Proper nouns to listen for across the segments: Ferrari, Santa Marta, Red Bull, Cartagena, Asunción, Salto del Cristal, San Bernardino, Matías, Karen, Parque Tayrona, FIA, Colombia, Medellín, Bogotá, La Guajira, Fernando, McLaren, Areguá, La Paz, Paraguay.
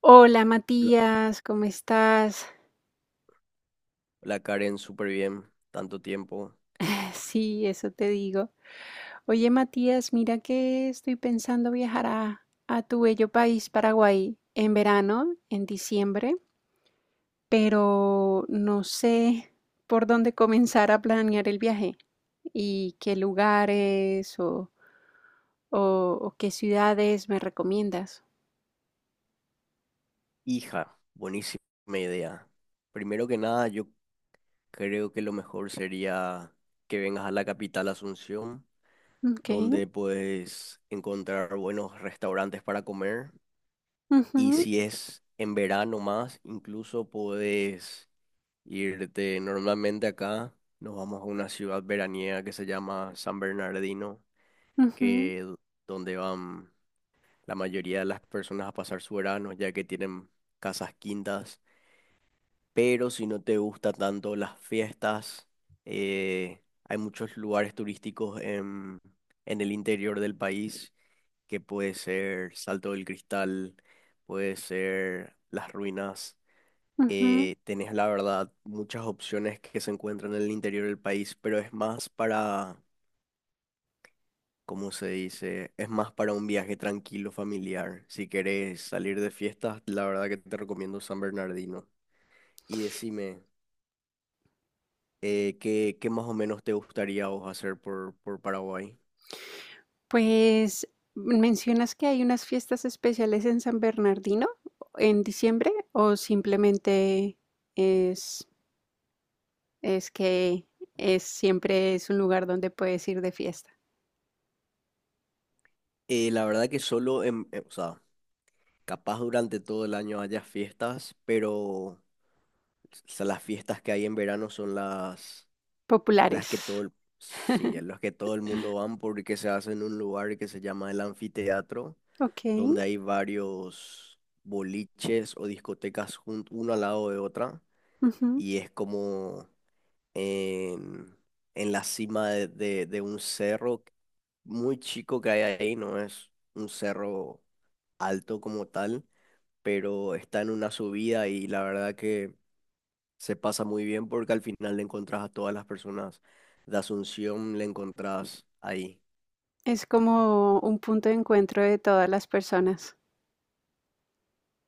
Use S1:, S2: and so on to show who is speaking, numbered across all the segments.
S1: Hola
S2: La,
S1: Matías, ¿cómo estás?
S2: la Karen, súper bien, tanto tiempo.
S1: Sí, eso te digo. Oye Matías, mira que estoy pensando viajar a tu bello país, Paraguay, en verano, en diciembre, pero no sé por dónde comenzar a planear el viaje y qué lugares o qué ciudades me recomiendas.
S2: Hija, buenísima idea. Primero que nada, yo creo que lo mejor sería que vengas a la capital Asunción,
S1: Ok.
S2: donde puedes encontrar buenos restaurantes para comer. Y
S1: Ujú,
S2: si es en verano más, incluso puedes irte normalmente acá. Nos vamos a una ciudad veraniega que se llama San Bernardino,
S1: ujú,
S2: que donde van la mayoría de las personas a pasar su verano, ya que tienen casas quintas. Pero si no te gusta tanto las fiestas, hay muchos lugares turísticos en el interior del país, que puede ser Salto del Cristal, puede ser las ruinas.
S1: ujú.
S2: Tenés la verdad muchas opciones que se encuentran en el interior del país, pero es más para como se dice, es más para un viaje tranquilo, familiar. Si querés salir de fiestas, la verdad que te recomiendo San Bernardino. Y decime, ¿qué más o menos te gustaría a vos hacer por Paraguay?
S1: Pues, ¿mencionas que hay unas fiestas especiales en San Bernardino en diciembre o simplemente es, es que siempre es un lugar donde puedes ir de fiesta?
S2: La verdad que solo, o sea, capaz durante todo el año haya fiestas, pero las fiestas que hay en verano son las, las
S1: Populares.
S2: que todo el, sí, las que todo el mundo van porque se hace en un lugar que se llama el anfiteatro,
S1: Ok.
S2: donde hay varios boliches o discotecas una al lado de otra,
S1: Ujú.
S2: y es como en, en la cima de un cerro muy chico que hay ahí. No es un cerro alto como tal, pero está en una subida y la verdad que se pasa muy bien porque al final le encontrás a todas las personas de Asunción, le encontrás ahí.
S1: Es como un punto de encuentro de todas las personas.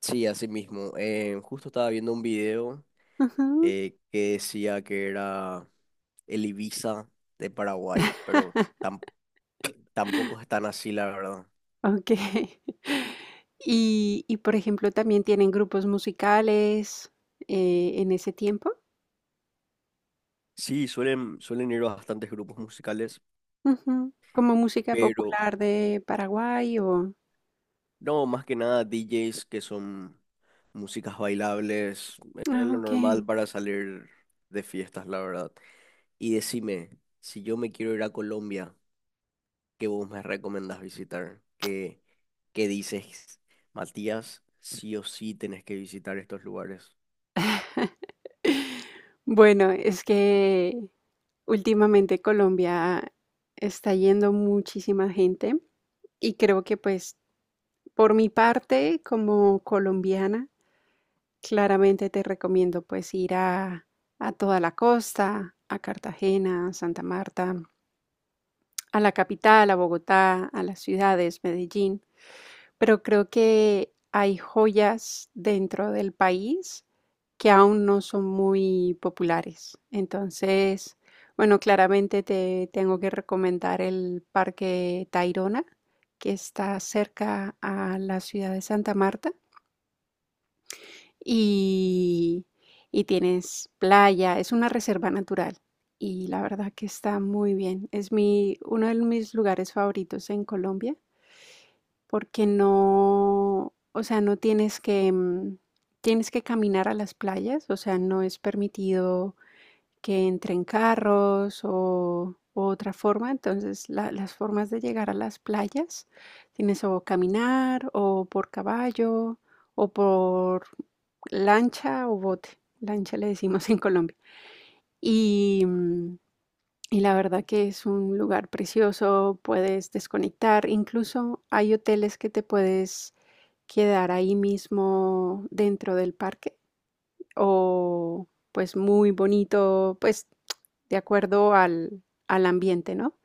S2: Sí, así mismo. Justo estaba viendo un video
S1: Ujú.
S2: que decía que era el Ibiza de Paraguay, pero tampoco es tan así, la verdad.
S1: Ok. Por ejemplo, también tienen grupos musicales en ese tiempo.
S2: Sí, suelen ir bastantes grupos musicales,
S1: Ujú, ¿como música
S2: pero
S1: popular de Paraguay o?
S2: no, más que nada DJs que son músicas bailables, es
S1: Ah,
S2: lo normal
S1: okey.
S2: para salir de fiestas, la verdad. Y decime, si yo me quiero ir a Colombia, ¿qué vos me recomendás visitar? ¿Qué dices, Matías? Sí o sí tenés que visitar estos lugares.
S1: Bueno, es que últimamente Colombia está yendo muchísima gente y creo que, pues, por mi parte, como colombiana, claramente te recomiendo, pues, ir a toda la costa, a Cartagena, Santa Marta, a la capital, a Bogotá, a las ciudades, Medellín. Pero creo que hay joyas dentro del país que aún no son muy populares. Entonces, bueno, claramente te tengo que recomendar el Parque Tayrona, que está cerca a la ciudad de Santa Marta y, y tienes playa, es una reserva natural y la verdad que está muy bien. Uno de mis lugares favoritos en Colombia porque no, o sea, no tienes que, mm, tienes que caminar a las playas, o sea, no es permitido que entren carros o otra forma, entonces las formas de llegar a las playas tienes o caminar o por caballo o por lancha o bote, lancha le decimos en Colombia. Y, mm, y la verdad que es un lugar precioso, puedes desconectar, incluso hay hoteles que te puedes quedar ahí mismo dentro del parque o pues muy bonito, pues de acuerdo al ambiente, ¿no?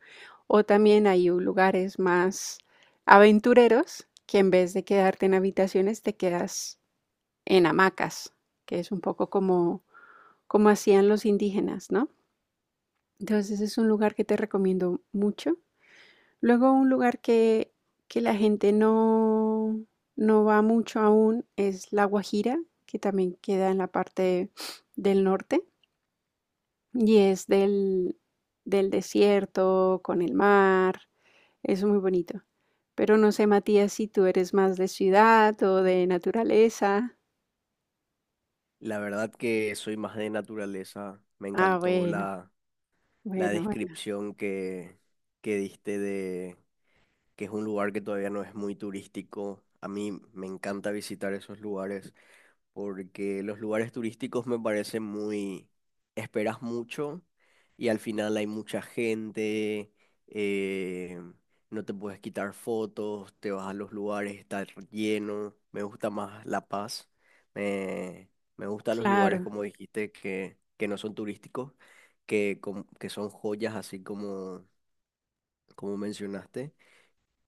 S1: O también hay lugares más aventureros que en vez de quedarte en habitaciones te quedas en hamacas, que es un poco como hacían los indígenas, ¿no? Entonces es un lugar que te recomiendo mucho. Luego un lugar que la gente no va mucho aún es La Guajira, que también queda en la parte del norte y es del desierto, con el mar, es muy bonito. Pero no sé, Matías, si tú eres más de ciudad o de naturaleza.
S2: La verdad que soy más de naturaleza. Me
S1: Ah,
S2: encantó
S1: bueno,
S2: la
S1: bueno, bueno,
S2: descripción que diste de que es un lugar que todavía no es muy turístico. A mí me encanta visitar esos lugares porque los lugares turísticos me parecen muy, esperas mucho y al final hay mucha gente, eh, no te puedes quitar fotos, te vas a los lugares, está lleno, me gusta más La Paz, me, me gustan los lugares
S1: claro.
S2: como dijiste que, no son turísticos, que son joyas así como mencionaste.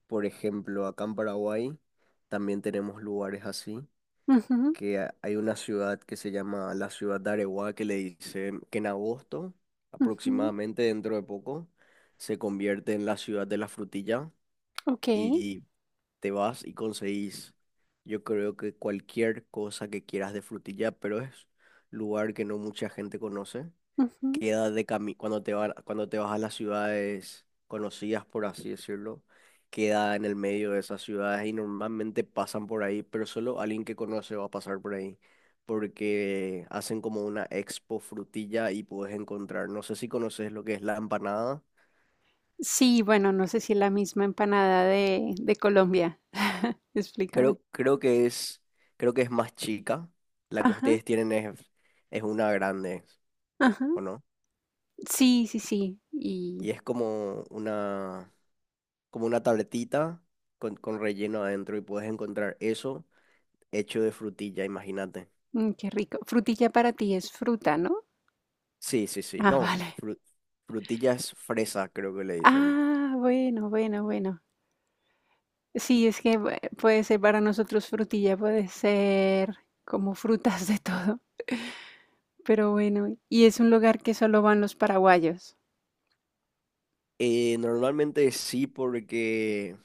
S2: Por ejemplo, acá en Paraguay también tenemos lugares así
S1: Ujú,
S2: que hay una ciudad que se llama la ciudad de Areguá, que le dice que en agosto,
S1: ujú.
S2: aproximadamente dentro de poco, se convierte en la ciudad de la frutilla,
S1: Ok.
S2: y te vas y conseguís, yo creo que cualquier cosa que quieras de frutilla, pero es lugar que no mucha gente conoce.
S1: Ujú.
S2: Queda de cami cuando te vas a las ciudades conocidas, por así decirlo, queda en el medio de esas ciudades y normalmente pasan por ahí, pero solo alguien que conoce va a pasar por ahí, porque hacen como una expo frutilla y puedes encontrar. No sé si conoces lo que es la empanada.
S1: Sí, bueno, no sé si la misma empanada de Colombia. Explícame.
S2: Creo, creo que es, creo que es más chica, la que
S1: Ajá,
S2: ustedes tienen es una grande,
S1: ajá.
S2: ¿o no?
S1: Sí, sí, sí.
S2: Y
S1: Y
S2: es como una tabletita con relleno adentro, y puedes encontrar eso hecho de frutilla, imagínate.
S1: qué rico. Frutilla para ti es fruta, ¿no?
S2: Sí, sí, sí.
S1: Ah,
S2: No,
S1: vale.
S2: frutilla es fresa, creo que le dicen.
S1: Ah, bueno, bueno, bueno. Sí, es que puede ser para nosotros frutilla, puede ser como frutas de todo. Pero bueno, y es un lugar que solo van los paraguayos.
S2: Normalmente sí porque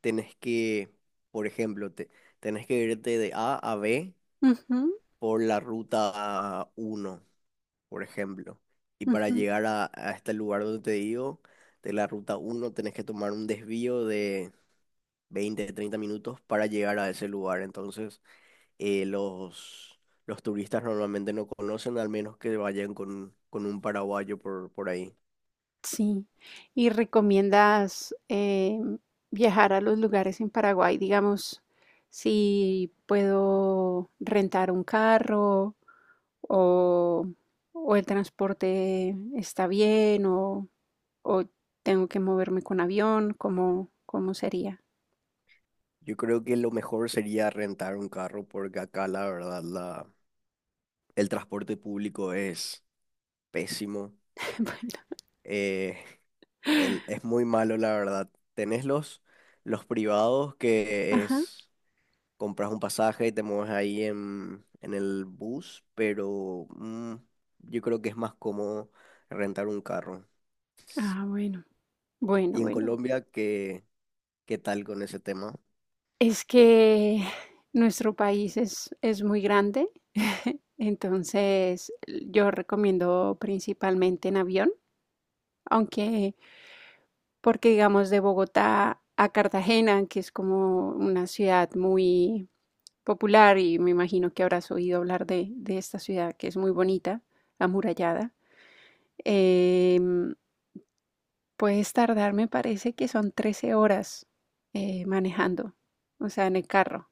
S2: tenés que, por ejemplo, tenés que irte de A a B
S1: Ujú,
S2: por la ruta 1, por ejemplo. Y para
S1: ujú.
S2: llegar a este lugar donde te digo, de la ruta 1 tenés que tomar un desvío de 20 o 30 minutos para llegar a ese lugar. Entonces, eh, los, los turistas normalmente no conocen, al menos que vayan con un paraguayo por ahí.
S1: Sí. ¿Y recomiendas viajar a los lugares en Paraguay? Digamos, si puedo rentar un carro o, o el transporte está bien o tengo que moverme con avión, ¿cómo, cómo sería?
S2: Yo creo que lo mejor sería rentar un carro porque acá la verdad el transporte público es pésimo.
S1: Bueno,
S2: Eh, es muy malo la verdad. Tenés los privados, que
S1: ajá.
S2: es compras un pasaje y te mueves ahí en el bus, pero yo creo que es más cómodo rentar un carro.
S1: Ah, bueno, bueno,
S2: Y en
S1: bueno.
S2: Colombia, que ¿qué tal con ese tema?
S1: Es que nuestro país es muy grande, entonces yo recomiendo principalmente en avión. Aunque, porque digamos de Bogotá a Cartagena, que es como una ciudad muy popular y me imagino que habrás oído hablar de esta ciudad que es muy bonita, amurallada, em, puedes tardar, me parece que son 13 horas manejando, o sea, en el carro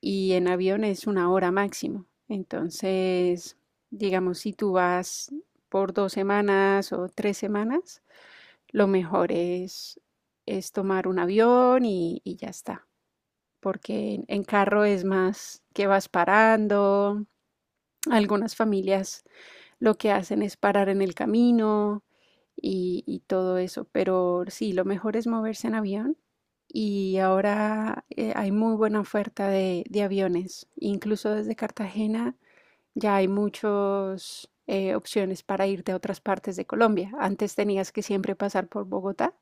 S1: y en avión es una hora máximo. Entonces, digamos, si tú vas por dos semanas o tres semanas, lo mejor es tomar un avión y ya está, porque en, carro es más que vas parando. Algunas familias lo que hacen es parar en el camino y todo eso, pero sí, lo mejor es moverse en avión y ahora hay muy buena oferta de aviones. Incluso desde Cartagena ya hay muchas opciones para irte a otras partes de Colombia. Antes tenías que siempre pasar por Bogotá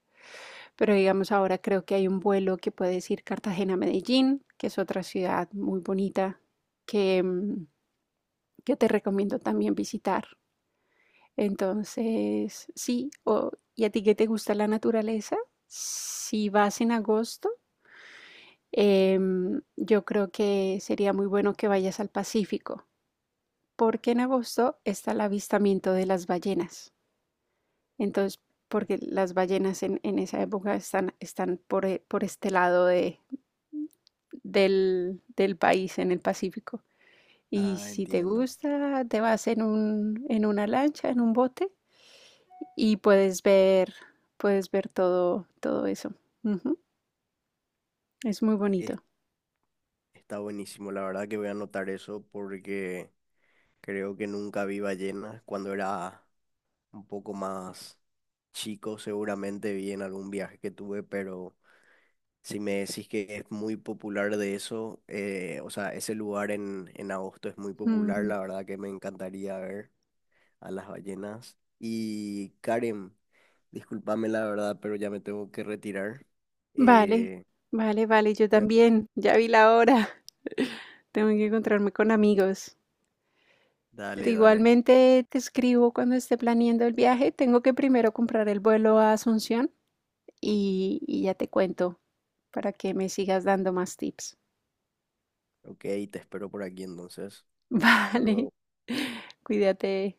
S1: pero digamos, ahora creo que hay un vuelo que puede ir Cartagena-Medellín, que es otra ciudad muy bonita que, mm, que te recomiendo también visitar. Entonces, sí, o- ¿y a ti que te gusta la naturaleza? Si vas en agosto, yo creo que sería muy bueno que vayas al Pacífico, porque en agosto está el avistamiento de las ballenas. Entonces, porque las ballenas en esa época están, están por, e- por este lado del país en el Pacífico. Y
S2: Ah,
S1: si te
S2: entiendo.
S1: gusta, te vas en un, en una lancha, en un bote y puedes ver todo, todo eso. Ujú. Es muy
S2: Es-
S1: bonito.
S2: Está buenísimo. La verdad que voy a anotar eso porque creo que nunca vi ballenas. Cuando era un poco más chico, seguramente vi en algún viaje que tuve, pero si me decís que es muy popular de eso, o sea, ese lugar en agosto es muy popular.
S1: Mm.
S2: La verdad que me encantaría ver a las ballenas. Y Karen, discúlpame la verdad, pero ya me tengo que retirar.
S1: Vale,
S2: Eh,
S1: vale, vale, yo
S2: me-
S1: también, ya vi la hora. Tengo que encontrarme con amigos. Pero
S2: Dale, dale.
S1: igualmente te escribo cuando esté planeando el viaje. Tengo que primero comprar el vuelo a Asunción y ya te cuento para que me sigas dando más tips.
S2: Ok, te espero por aquí entonces. Hasta
S1: Vale,
S2: luego.
S1: cuídate.